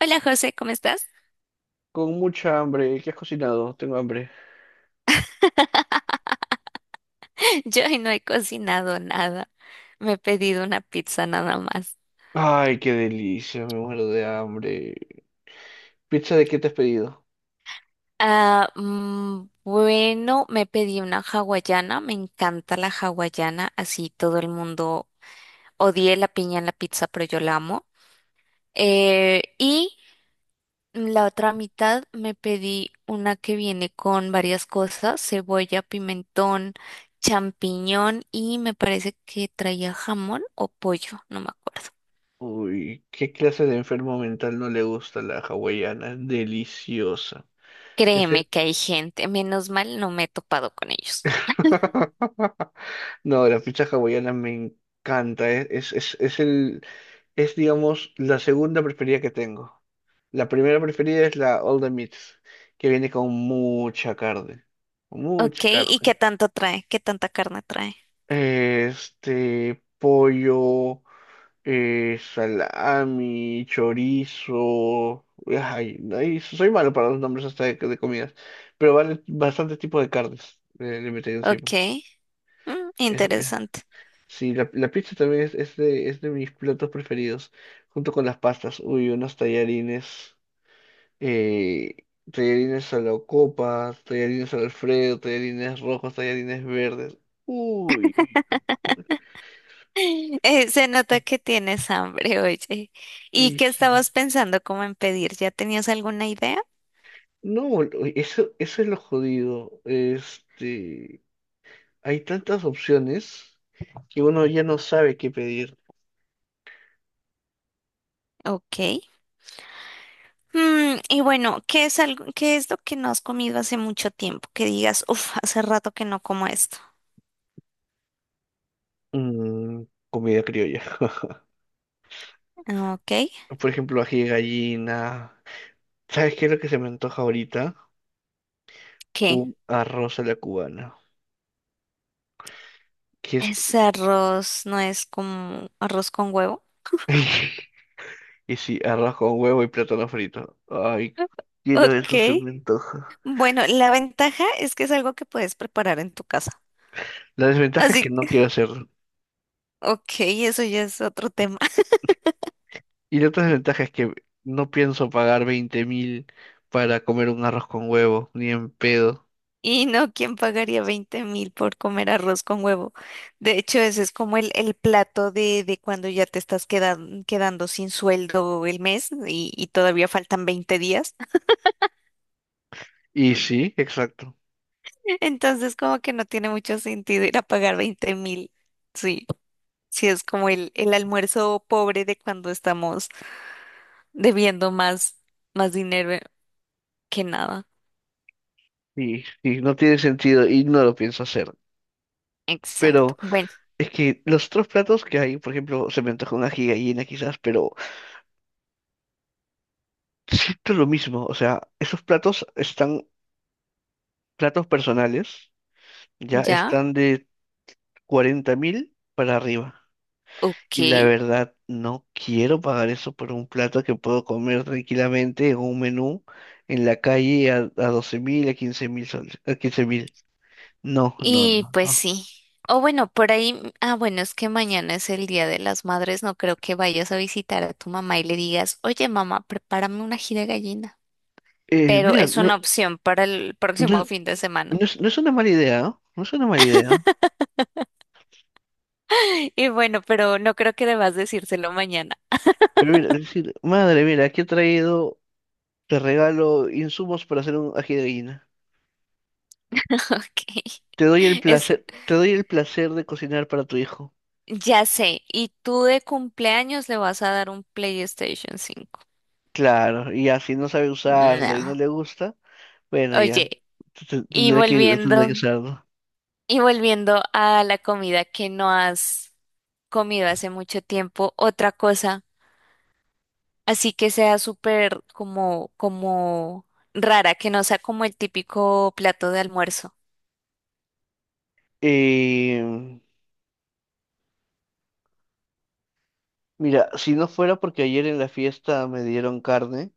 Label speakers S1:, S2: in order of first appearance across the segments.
S1: Hola José, ¿cómo estás?
S2: Con mucha hambre. ¿Qué has cocinado? Tengo hambre.
S1: Yo hoy no he cocinado nada. Me he pedido una pizza nada más.
S2: Ay, qué delicia, me muero de hambre. ¿Pizza de qué te has pedido?
S1: Bueno, Me pedí una hawaiana. Me encanta la hawaiana. Así todo el mundo odié la piña en la pizza, pero yo la amo. Y la otra mitad me pedí una que viene con varias cosas: cebolla, pimentón, champiñón y me parece que traía jamón o pollo, no me acuerdo.
S2: Uy, ¿qué clase de enfermo mental no le gusta la hawaiana? Deliciosa. Ese-
S1: Créeme que hay gente, menos mal no me he topado con ellos.
S2: No, la pizza hawaiana me encanta. Es, digamos, la segunda preferida que tengo. La primera preferida es la All the Meats, que viene con mucha carne.
S1: Ok,
S2: Mucha
S1: ¿y qué
S2: carne.
S1: tanto trae? ¿Qué tanta carne trae?
S2: Este, pollo, salami, chorizo. Ay, ay, soy malo para los nombres hasta de comidas, pero vale bastante tipo de carnes le metí encima.
S1: Ok,
S2: Es- es-
S1: interesante.
S2: sí, la pizza también es de mis platos preferidos, junto con las pastas. Uy, unos tallarines, eh, tallarines a la copa, tallarines al Alfredo, tallarines rojos, tallarines verdes. Uy, uy,
S1: Se nota que tienes hambre, oye. ¿Y
S2: y
S1: qué
S2: sí.
S1: estabas pensando como en pedir? ¿Ya tenías alguna idea?
S2: No, eso es lo jodido. Este, hay tantas opciones que uno ya no sabe qué pedir.
S1: Ok. Y bueno, ¿qué es algo, qué es lo que no has comido hace mucho tiempo? Que digas, hace rato que no como esto.
S2: Mm, comida criolla.
S1: Ok.
S2: Por ejemplo, ají de gallina. ¿Sabes qué es lo que se me antoja ahorita?
S1: ¿Qué?
S2: Un arroz a la cubana. Que es...
S1: ¿Ese arroz no es como arroz con huevo?
S2: Y sí, arroz con huevo y plátano frito. Ay, quiero eso, se
S1: Ok.
S2: me antoja.
S1: Bueno, la ventaja es que es algo que puedes preparar en tu casa.
S2: La desventaja es
S1: Así
S2: que no
S1: que,
S2: quiero hacerlo.
S1: ok, eso ya es otro tema.
S2: Y la otra desventaja es que no pienso pagar 20.000 para comer un arroz con huevo, ni en pedo.
S1: Y no, ¿quién pagaría 20.000 por comer arroz con huevo? De hecho, ese es como el plato de cuando ya te estás quedando sin sueldo el mes y todavía faltan 20 días.
S2: Y sí, exacto.
S1: Entonces, como que no tiene mucho sentido ir a pagar 20.000. Sí, sí, es como el almuerzo pobre de cuando estamos debiendo más, más dinero que nada.
S2: Y no tiene sentido y no lo pienso hacer.
S1: Exacto.
S2: Pero
S1: Bueno,
S2: es que los otros platos que hay, por ejemplo, se me antoja una gigallina quizás, pero siento lo mismo. O sea, esos platos están, platos personales, ya
S1: ya,
S2: están de 40.000 para arriba.
S1: ok.
S2: Y la verdad, no quiero pagar eso por un plato que puedo comer tranquilamente en un menú en la calle a 12.000, a 15.000 soles, a 15.000. No, no,
S1: Y
S2: no,
S1: pues
S2: no.
S1: sí. O bueno, por ahí, bueno, es que mañana es el Día de las Madres, no creo que vayas a visitar a tu mamá y le digas, oye mamá, prepárame una gira de gallina. Pero
S2: Mira,
S1: es una
S2: no,
S1: opción para el próximo
S2: no-
S1: fin de semana.
S2: no es, no es una mala idea, ¿no? No es una mala idea.
S1: Y bueno, pero no creo que debas decírselo mañana.
S2: Pero mira, decir, madre, mira, aquí he traído, te regalo insumos para hacer un ají de gallina.
S1: Ok.
S2: Te doy el
S1: Es,
S2: placer, te doy el placer de cocinar para tu hijo.
S1: ya sé. ¿Y tú de cumpleaños le vas a dar un PlayStation 5.
S2: Claro, y ya, si no sabe usarlo y no
S1: No.
S2: le gusta, bueno, ya,
S1: Oye,
S2: t- t-
S1: y
S2: tendré que, tendré que
S1: volviendo.
S2: usarlo.
S1: Y volviendo a la comida que no has comido hace mucho tiempo, otra cosa, así que sea súper como, como rara, que no sea como el típico plato de almuerzo.
S2: Eh, mira, si no fuera porque ayer en la fiesta me dieron carne,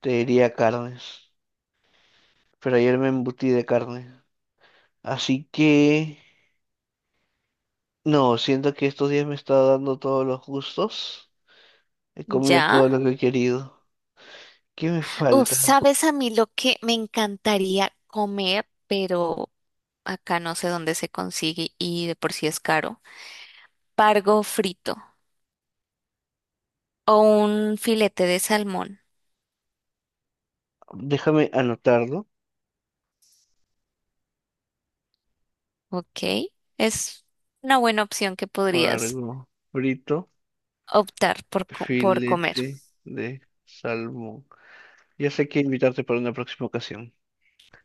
S2: te diría carnes. Pero ayer me embutí de carne. Así que... No, siento que estos días me está dando todos los gustos. He comido
S1: ¿Ya?
S2: todo lo que he querido. ¿Qué me
S1: Uf,
S2: falta?
S1: ¿sabes a mí lo que me encantaría comer, pero acá no sé dónde se consigue y de por sí es caro? Pargo frito o un filete de salmón,
S2: Déjame anotarlo.
S1: ¿ok? Es una buena opción que podrías
S2: Pargo frito,
S1: optar por comer.
S2: filete de salmón. Ya sé que invitarte para una próxima ocasión.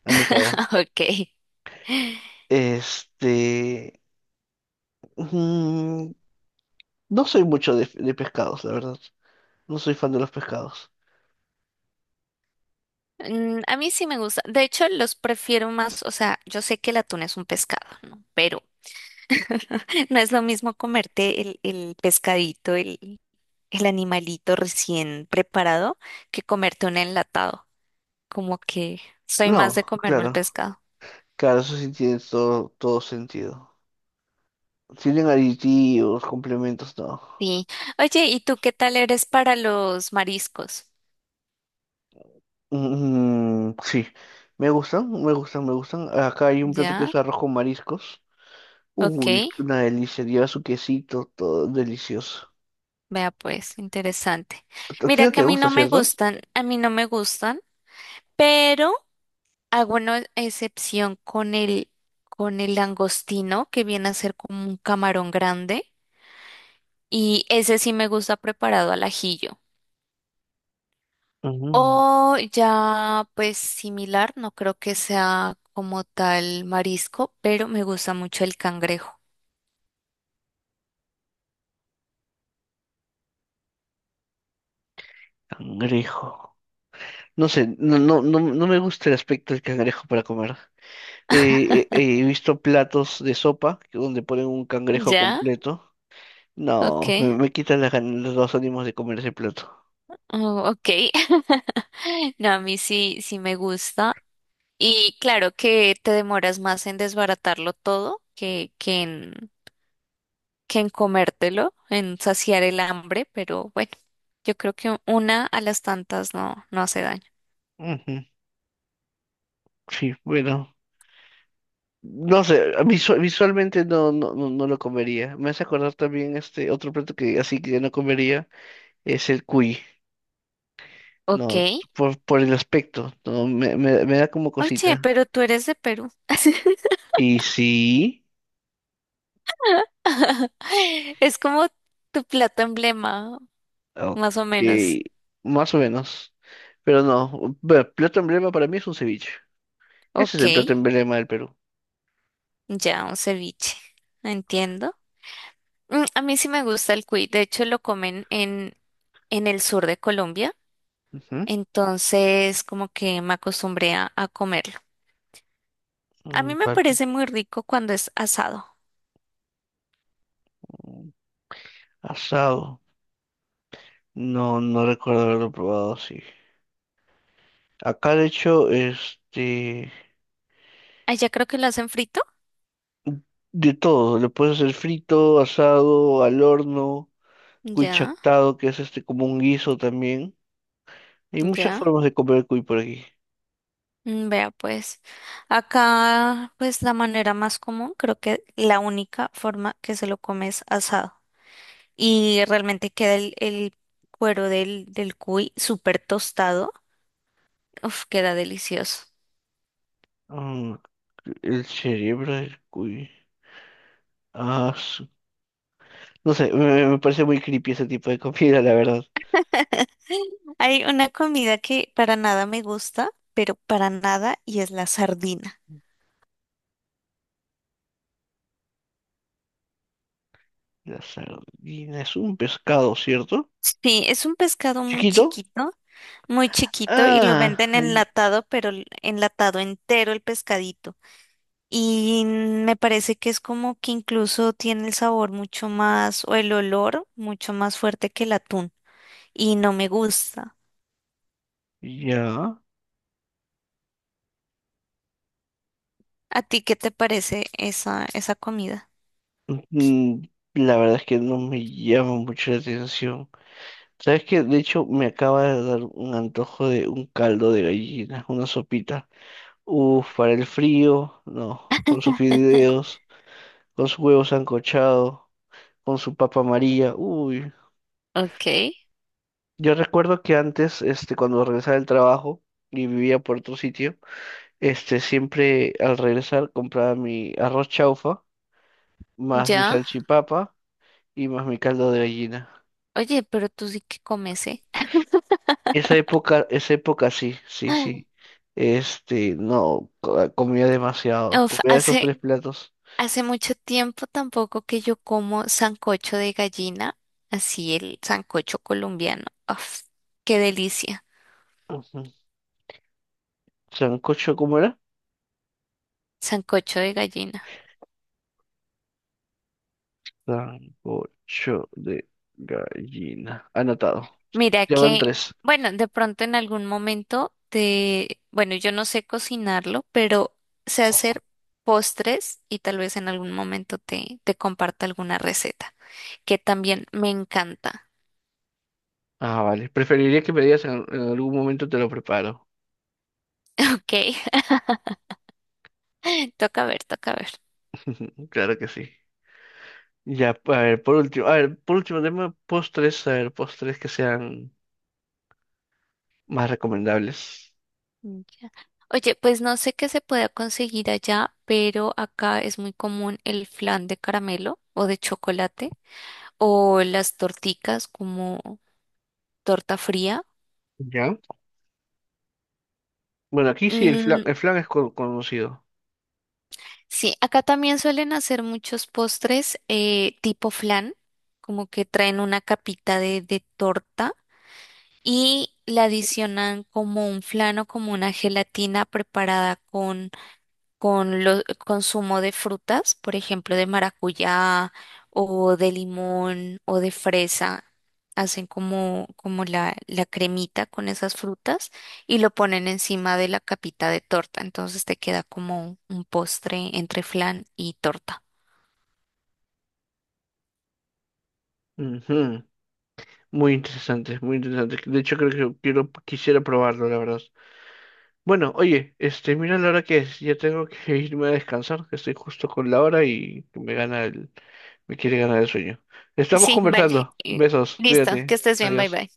S2: Anotado.
S1: Ok.
S2: Este... mm, no soy mucho de pescados, la verdad. No soy fan de los pescados.
S1: Mm, a mí sí me gusta. De hecho, los prefiero más, o sea, yo sé que el atún es un pescado, ¿no? Pero no es lo mismo comerte el pescadito, el animalito recién preparado, que comerte un enlatado. Como que soy más de
S2: No,
S1: comerme el
S2: claro.
S1: pescado.
S2: Claro, eso sí tiene todo, todo sentido. Tienen aditivos, complementos, no.
S1: Sí. Oye, ¿y tú qué tal eres para los mariscos?
S2: Sí, me gustan, me gustan, me gustan. Acá hay un plato que
S1: ¿Ya?
S2: es arroz con mariscos.
S1: Ok.
S2: Uy, una delicia, lleva su quesito, todo delicioso.
S1: Vea pues, interesante.
S2: A ti
S1: Mira
S2: no
S1: que a
S2: te
S1: mí
S2: gusta,
S1: no me
S2: ¿cierto?
S1: gustan, a mí no me gustan, pero... Hago una excepción con con el langostino, que viene a ser como un camarón grande, y ese sí me gusta preparado al ajillo.
S2: Mm,
S1: O ya, pues similar, no creo que sea como tal marisco, pero me gusta mucho el cangrejo.
S2: cangrejo. No sé, no, no, no, no me gusta el aspecto del cangrejo para comer. He visto platos de sopa donde ponen un cangrejo
S1: ¿Ya?
S2: completo. No,
S1: Ok.
S2: me quitan las ganas, los ánimos de comer ese plato.
S1: Oh, ok. No, a mí sí, sí me gusta. Y claro que te demoras más en desbaratarlo todo que en comértelo, en saciar el hambre, pero bueno, yo creo que una a las tantas no, no hace daño.
S2: Ujú, sí, bueno. No sé, a mí visualmente no, no, no, no lo comería. Me hace acordar también este otro plato que así que no comería es el cuy.
S1: Ok.
S2: No, por el aspecto, no, me da como
S1: Oye,
S2: cosita.
S1: pero tú eres de Perú.
S2: Y sí,
S1: Es como tu plato emblema, más
S2: ok,
S1: o menos.
S2: más o menos. Pero no, bueno, plato emblema para mí es un ceviche. Ese es
S1: Ok,
S2: el plato emblema del Perú.
S1: ya un ceviche. Entiendo. A mí sí me gusta el cuy. De hecho, lo comen en el sur de Colombia.
S2: Ujú.
S1: Entonces, como que me acostumbré a comerlo. A
S2: Mm,
S1: mí me
S2: par-
S1: parece muy rico cuando es asado.
S2: mm, Asado. No, no recuerdo haberlo probado así. Acá de hecho,
S1: Ah, ya creo que lo hacen frito.
S2: De todo, le puedes hacer frito, asado, al horno, cuy
S1: Ya,
S2: chactado, que es este como un guiso también. Hay muchas
S1: ya.
S2: formas de comer el cuy por aquí.
S1: Vea, pues acá, pues la manera más común, creo que la única forma que se lo come es asado. Y realmente queda el cuero del cuy súper tostado. Uf, queda delicioso.
S2: Mm, el cerebro del cuy. Ah, no sé, me parece muy creepy ese tipo de comida, la verdad.
S1: Hay una comida que para nada me gusta, pero para nada, y es la sardina.
S2: La sardina es un pescado, ¿cierto?
S1: Sí, es un pescado muy
S2: ¿Chiquito?
S1: chiquito. Muy chiquito y lo
S2: Ah,
S1: venden
S2: ay,
S1: enlatado, pero enlatado entero el pescadito. Y me parece que es como que incluso tiene el sabor mucho más, o el olor mucho más fuerte que el atún. Y no me gusta.
S2: ya.
S1: ¿A ti qué te parece esa, esa comida?
S2: Mm, la verdad es que no me llama mucho la atención. ¿Sabes qué? De hecho, me acaba de dar un antojo de un caldo de gallina, una sopita. Uf, para el frío, no. Con sus fideos, con sus huevos sancochado, con su papa amarilla. Uy.
S1: Ok,
S2: Yo recuerdo que antes, este, cuando regresaba del trabajo y vivía por otro sitio, este, siempre al regresar compraba mi arroz chaufa, más mi
S1: ya.
S2: salchipapa y más mi caldo de gallina.
S1: Oye, pero tú sí que comes, ¿eh?
S2: Esa época sí, sí, sí. Este, no, comía demasiado.
S1: Uf,
S2: Comía esos
S1: hace,
S2: tres platos.
S1: hace mucho tiempo tampoco que yo como sancocho de gallina, así el sancocho colombiano. Uf, qué delicia,
S2: Ujú. Sancocho, ¿cómo era?
S1: sancocho de gallina.
S2: Sancocho de gallina. Anotado.
S1: Mira
S2: Ya van
S1: que,
S2: tres.
S1: bueno, de pronto en algún momento te, bueno, yo no sé cocinarlo, pero sé hacer postres y tal vez en algún momento te, te comparta alguna receta, que también me encanta.
S2: Ah, vale. Preferiría que me digas en algún momento te lo preparo.
S1: Ok, toca ver, toca ver.
S2: Claro que sí. Ya, a ver, por último, a ver, por último tema, postres, a ver, postres que sean más recomendables.
S1: Ya. Oye, pues no sé qué se pueda conseguir allá, pero acá es muy común el flan de caramelo o de chocolate o las torticas como torta fría.
S2: ¿Ya? Bueno, aquí sí
S1: Mm,
S2: el flan es conocido.
S1: Sí, acá también suelen hacer muchos postres tipo flan, como que traen una capita de torta y la adicionan como un flan o como una gelatina preparada con los consumo de frutas, por ejemplo, de maracuyá o de limón o de fresa. Hacen como, como la cremita con esas frutas y lo ponen encima de la capita de torta. Entonces te queda como un postre entre flan y torta.
S2: Ujú. Muy interesante, muy interesante. De hecho, creo que quiero, quisiera probarlo, la verdad. Bueno, oye, este, mira la hora que es. Ya tengo que irme a descansar, que estoy justo con la hora y que me gana me quiere ganar el sueño. Estamos
S1: Sí, vale.
S2: conversando.
S1: Eh,
S2: Besos,
S1: Listo, que
S2: cuídate.
S1: estés bien, bye
S2: Adiós.
S1: bye.